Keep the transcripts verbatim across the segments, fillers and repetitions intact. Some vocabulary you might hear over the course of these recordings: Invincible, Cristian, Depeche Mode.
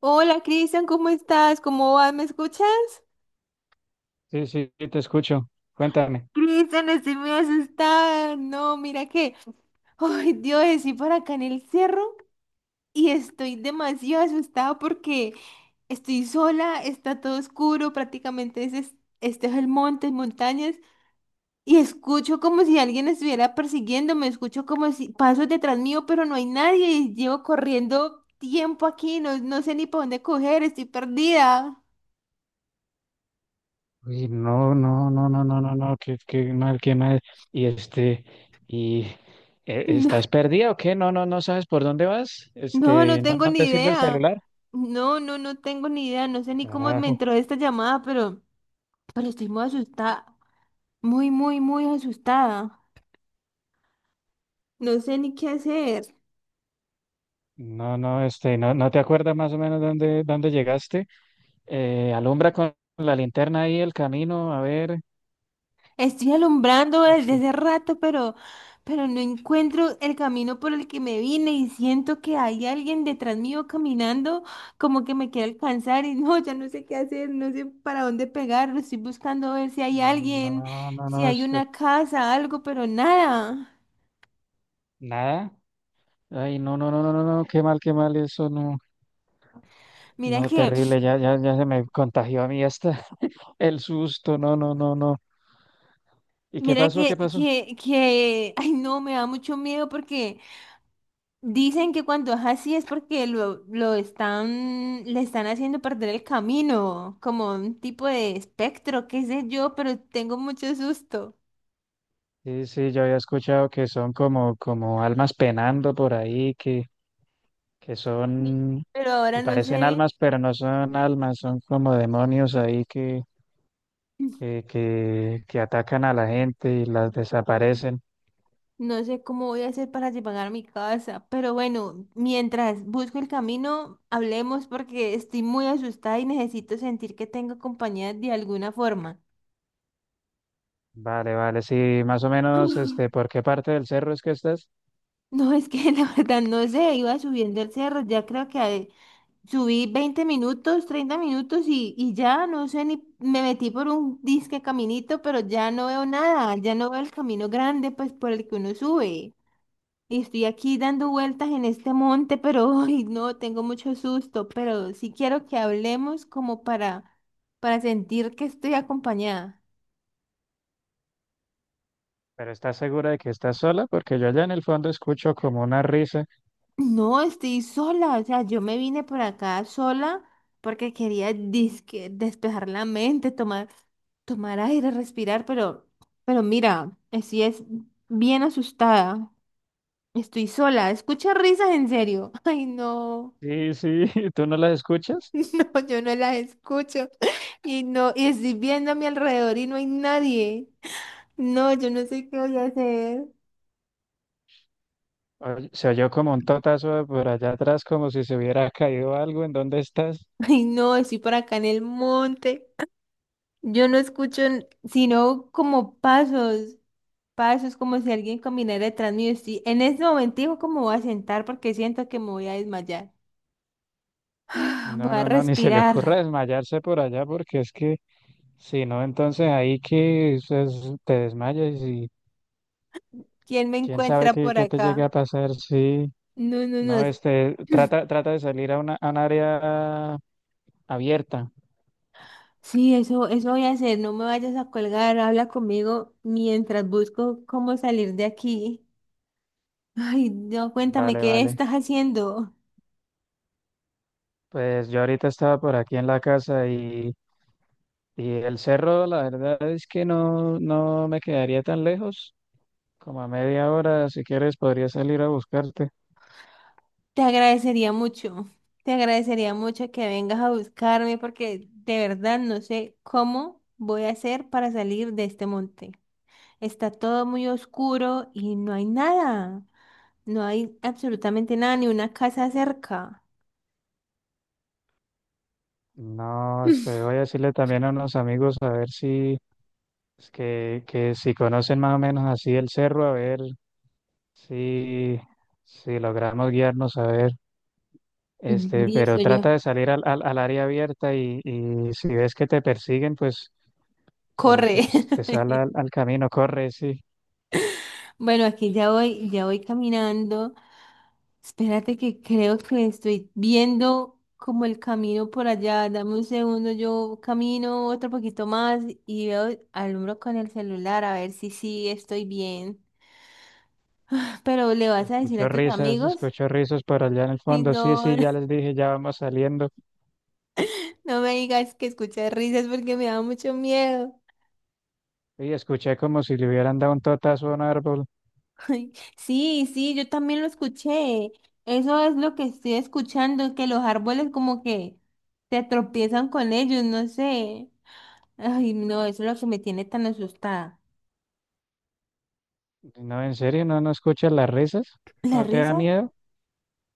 Hola Cristian, ¿cómo estás? ¿Cómo vas? ¿Me escuchas? Sí, sí, sí, te escucho. Cuéntame. Cristian, estoy muy asustada. No, mira que, ay Dios, estoy por acá en el cerro y estoy demasiado asustada porque estoy sola, está todo oscuro, prácticamente este es, este es el monte, montañas, y escucho como si alguien estuviera persiguiéndome, escucho como si pasos detrás mío, pero no hay nadie y llevo corriendo tiempo aquí, no, no sé ni para dónde coger, estoy perdida. Uy, no, no, no, no, no, no, no, qué, qué mal, qué mal. Y este, y eh, ¿estás perdida o qué? No, no, no sabes por dónde vas. No, no Este, no, tengo no ni te sirve el idea. celular. No, no, no tengo ni idea. No sé ni cómo me Carajo. entró esta llamada, pero, pero estoy muy asustada. Muy, muy, muy asustada. No sé ni qué hacer. No, no, este, no, no te acuerdas más o menos dónde, dónde llegaste. Eh, alumbra con la linterna ahí el camino, a ver. Estoy alumbrando desde porque- hace rato, pero, pero no encuentro el camino por el que me vine y siento que hay alguien detrás mío caminando como que me quiere alcanzar y no, ya no sé qué hacer, no sé para dónde pegar. Estoy buscando ver si hay alguien, No, no, si no, hay este, una casa, algo, pero nada. nada. Ay, no, no, no, no, no, no, qué mal, qué mal, eso no. Mira No, que... terrible, ya, ya, ya se me contagió a mí hasta el susto, no, no, no, no. ¿Y qué Mira pasó? ¿Qué que, pasó? que, que, ay no, me da mucho miedo porque dicen que cuando es así es porque lo, lo están, le están haciendo perder el camino, como un tipo de espectro, qué sé yo, pero tengo mucho susto. Sí, sí, yo había escuchado que son como, como almas penando por ahí, que, que Sí. son, Pero ahora que no parecen sé, almas, pero no son almas, son como demonios ahí que, que, que, que atacan a la gente y las desaparecen. no sé cómo voy a hacer para llegar a mi casa. Pero bueno, mientras busco el camino, hablemos porque estoy muy asustada y necesito sentir que tengo compañía de alguna forma. Vale, vale, sí, más o menos, este, ¿por qué parte del cerro es que estás? No, es que la verdad no sé, iba subiendo el cerro, ya creo que eh, subí veinte minutos, treinta minutos y, y ya no sé ni, me metí por un disque caminito, pero ya no veo nada, ya no veo el camino grande pues por el que uno sube. Y estoy aquí dando vueltas en este monte, pero ay, no, tengo mucho susto, pero sí quiero que hablemos como para, para sentir que estoy acompañada. Pero ¿estás segura de que estás sola? Porque yo allá en el fondo escucho como una risa. No, estoy sola, o sea, yo me vine por acá sola porque quería disque despejar la mente, tomar, tomar aire, respirar, pero, pero mira, estoy es bien asustada. Estoy sola, escucha risas en serio. Ay, no, Sí, sí, ¿tú no las escuchas? no, yo no las escucho. Y no, y estoy viendo a mi alrededor y no hay nadie. No, yo no sé qué voy a hacer. Oye, se oyó como un totazo por allá atrás, como si se hubiera caído algo. ¿En dónde estás? Ay, no, estoy por acá en el monte. Yo no escucho n- sino como pasos. Pa, eso es como si alguien caminara detrás mío. Estoy- en este momentico como voy a sentar porque siento que me voy a desmayar. Voy No, a no, no, ni se le respirar. ocurra desmayarse por allá, porque es que si no, entonces ahí que es- te desmayas y ¿Quién me quién sabe encuentra qué, por qué te llegue acá? a pasar. Sí, No, no, no, no. este, trata, trata de salir a una, a un área abierta. Sí, eso, eso voy a hacer. No me vayas a colgar. Habla conmigo mientras busco cómo salir de aquí. Ay, no, cuéntame Vale, qué vale. estás haciendo. Pues yo ahorita estaba por aquí en la casa y. Y el cerro, la verdad es que no, no me quedaría tan lejos. Como a media hora, si quieres, podría salir a buscarte. Te agradecería mucho. Te agradecería mucho que vengas a buscarme porque de verdad no sé cómo voy a hacer para salir de este monte. Está todo muy oscuro y no hay nada. No hay absolutamente nada, ni una casa cerca. No, este, voy a decirle también a unos amigos a ver si, es que, que si conocen más o menos así el cerro, a ver si, si logramos guiarnos, a ver. Este, Listo, Pero yo. trata de salir al, al, al área abierta y, y si ves que te persiguen, pues, pues Corre. te sal al, al camino, corre, sí. Bueno, aquí ya voy, ya voy caminando. Espérate que creo que estoy viendo como el camino por allá. Dame un segundo, yo camino otro poquito más y veo, alumbro con el celular a ver si sí estoy bien. Pero ¿le vas a decir a Escucho tus risas, amigos? escucho risos por allá en el Ay, fondo. Sí, no. sí, ya les dije, ya vamos saliendo. No me digas que escuché risas porque me da mucho miedo. Y escuché como si le hubieran dado un totazo a un árbol. Ay, sí, sí, yo también lo escuché. Eso es lo que estoy escuchando, que los árboles como que se tropiezan con ellos, no sé. Ay, no, eso es lo que me tiene tan asustada. No, en serio, no, no escuchas las risas, ¿La no te da risa? miedo.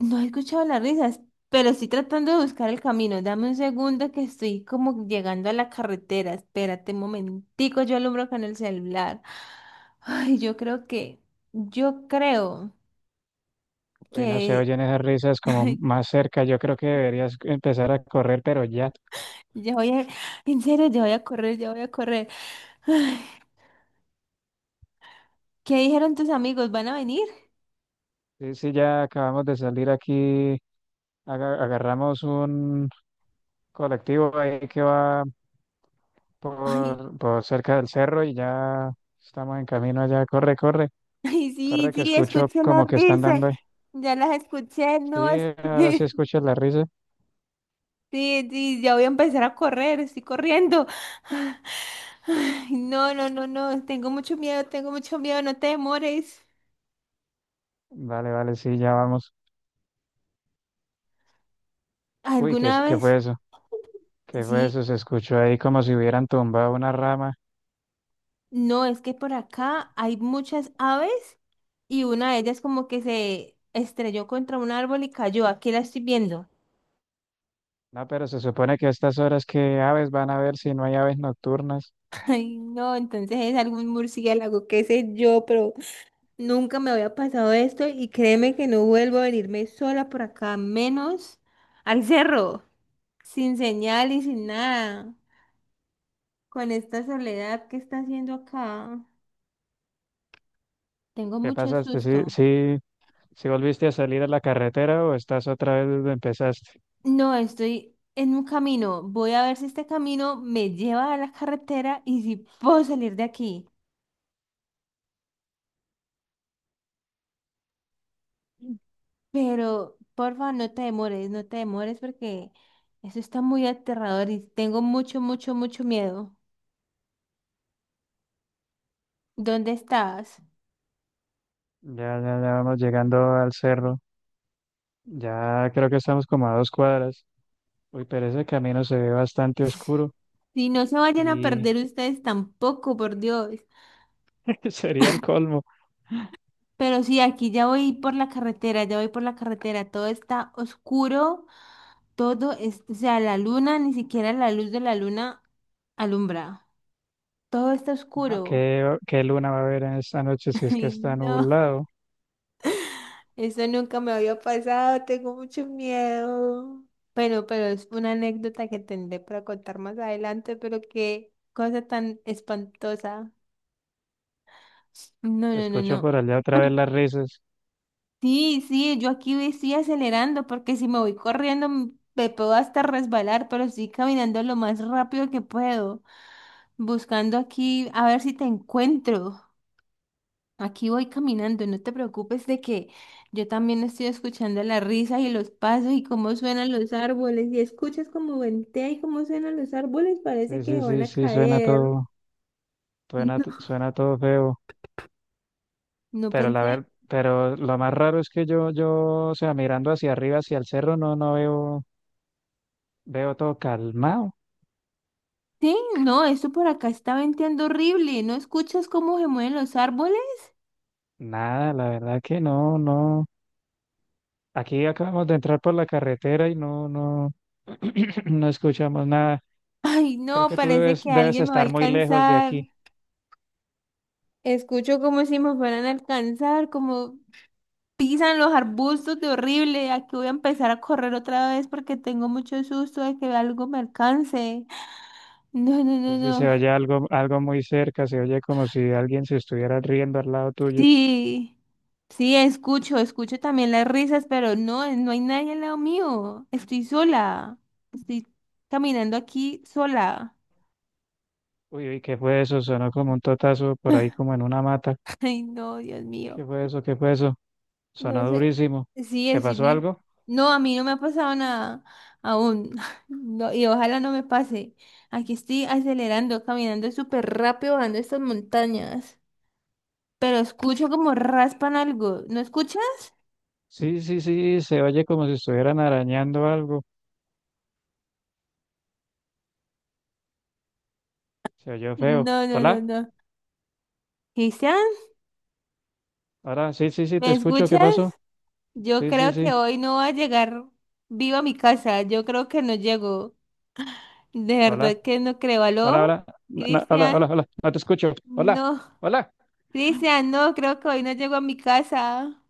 No he escuchado las risas, pero estoy tratando de buscar el camino. Dame un segundo que estoy como llegando a la carretera. Espérate un momentico, yo alumbro con el celular. Ay, yo creo que, yo creo. Uy, no se que oyen esas risas como más cerca. Yo creo que deberías empezar a correr, pero ya. ya voy a, en serio, ya voy a correr, ya voy a correr. Ay, ¿qué dijeron tus amigos? ¿Van a venir? Sí, sí, ya acabamos de salir aquí. aga- Agarramos un colectivo ahí que va Ay, por, por cerca del cerro y ya estamos en camino allá. Corre, corre, ay, sí, corre, que sí, escucho escuché la como que están risa. dando ahí. Ya las escuché, Sí, no. es- ahora sí escuchas la risa. Sí, sí, ya voy a empezar a correr, estoy corriendo. Ay, no, no, no, no, tengo mucho miedo, tengo mucho miedo, no te demores. Vale, vale, sí, ya vamos. Uy, ¿qué, ¿Alguna es- ¿qué vez? fue eso? ¿Qué fue Sí, eso? Se escuchó ahí como si hubieran tumbado una rama. no, es que por acá hay muchas aves y una de ellas como que se estrelló contra un árbol y cayó. Aquí la estoy viendo. No, pero se supone que a estas horas que aves van a ver si no hay aves nocturnas. Ay, no, entonces es algún murciélago, qué sé yo, pero nunca me había pasado esto y créeme que no vuelvo a venirme sola por acá, menos al cerro, sin señal y sin nada, con esta soledad que está haciendo acá. Tengo ¿Qué mucho pasaste? ¿Sí, susto. sí, sí volviste a salir a la carretera o estás otra vez donde empezaste? No, estoy en un camino. Voy a ver si este camino me lleva a la carretera y si puedo salir de aquí. Pero, porfa, no te demores, no te demores porque eso está muy aterrador y tengo mucho, mucho, mucho miedo. ¿Dónde estás? Ya, ya, ya vamos llegando al cerro. Ya creo que estamos como a dos cuadras. Uy, pero ese camino se ve bastante oscuro Si no se vayan a y perder ustedes tampoco, por Dios. sería el colmo. Pero sí, aquí ya voy por la carretera, ya voy por la carretera. Todo está oscuro, todo es, o sea, la luna, ni siquiera la luz de la luna alumbra. Todo está No, oscuro. ¿qué, qué luna va a haber en esta noche si es que Ay, está no, nublado? eso nunca me había pasado, tengo mucho miedo. Bueno, pero es una anécdota que tendré para contar más adelante, pero qué cosa tan espantosa. No, no, no, Escucho no. por allá otra vez las risas. Sí, sí, yo aquí ve- estoy acelerando porque si me voy corriendo m- me puedo hasta resbalar, pero estoy caminando lo más rápido que puedo, buscando aquí a ver si te encuentro. Aquí voy caminando, no te preocupes de que yo también estoy escuchando la risa y los pasos y cómo suenan los árboles. Y escuchas cómo ventea y cómo suenan los árboles, parece Sí, que sí, se van sí, a sí, suena caer. todo, suena, No, suena todo feo. no Pero la pensé. ver, pero lo más raro es que yo, yo, o sea, mirando hacia arriba, hacia el cerro, no, no veo, veo todo calmado. Sí, no, esto por acá está venteando horrible. ¿No escuchas cómo se mueven los árboles? Nada, la verdad que no, no. Aquí acabamos de entrar por la carretera y no, no, no escuchamos nada. Ay, Creo no, que tú parece debes, que debes alguien me va a estar muy lejos de alcanzar. aquí. Escucho como si me fueran a alcanzar, como pisan los arbustos de horrible. Aquí voy a empezar a correr otra vez porque tengo mucho susto de que algo me alcance. No, no, Sí, no, sí, se no. oye algo, algo muy cerca, se oye como si alguien se estuviera riendo al lado tuyo. Sí, sí, escucho, escucho también las risas, pero no, no hay nadie al lado mío. Estoy sola. Estoy caminando aquí sola. Uy, uy, ¿qué fue eso? Sonó como un totazo por ahí, como en una mata. Ay, no, Dios mío. ¿Qué fue eso? ¿Qué fue eso? No Sonó sé. durísimo. Sí, ¿Te es pasó mi... algo? No, a mí no me ha pasado nada aún. No, y ojalá no me pase. Aquí estoy acelerando, caminando súper rápido, bajando estas montañas. Pero escucho como raspan algo. ¿No escuchas? Sí, sí, sí, se oye como si estuvieran arañando algo. Se oyó feo. No, no, no, Hola, no. Cristian, hola, sí, sí, sí, te ¿me escucho. ¿Qué escuchas? pasó? Yo Sí, sí, creo que sí. hoy no va a llegar viva a mi casa. Yo creo que no llego. De Hola, verdad que no creo. hola, ¿Aló? hola, no, no, hola, hola, Cristian, hola, no te escucho. Hola, no. hola. Cristian, no, creo que hoy no llego a mi casa.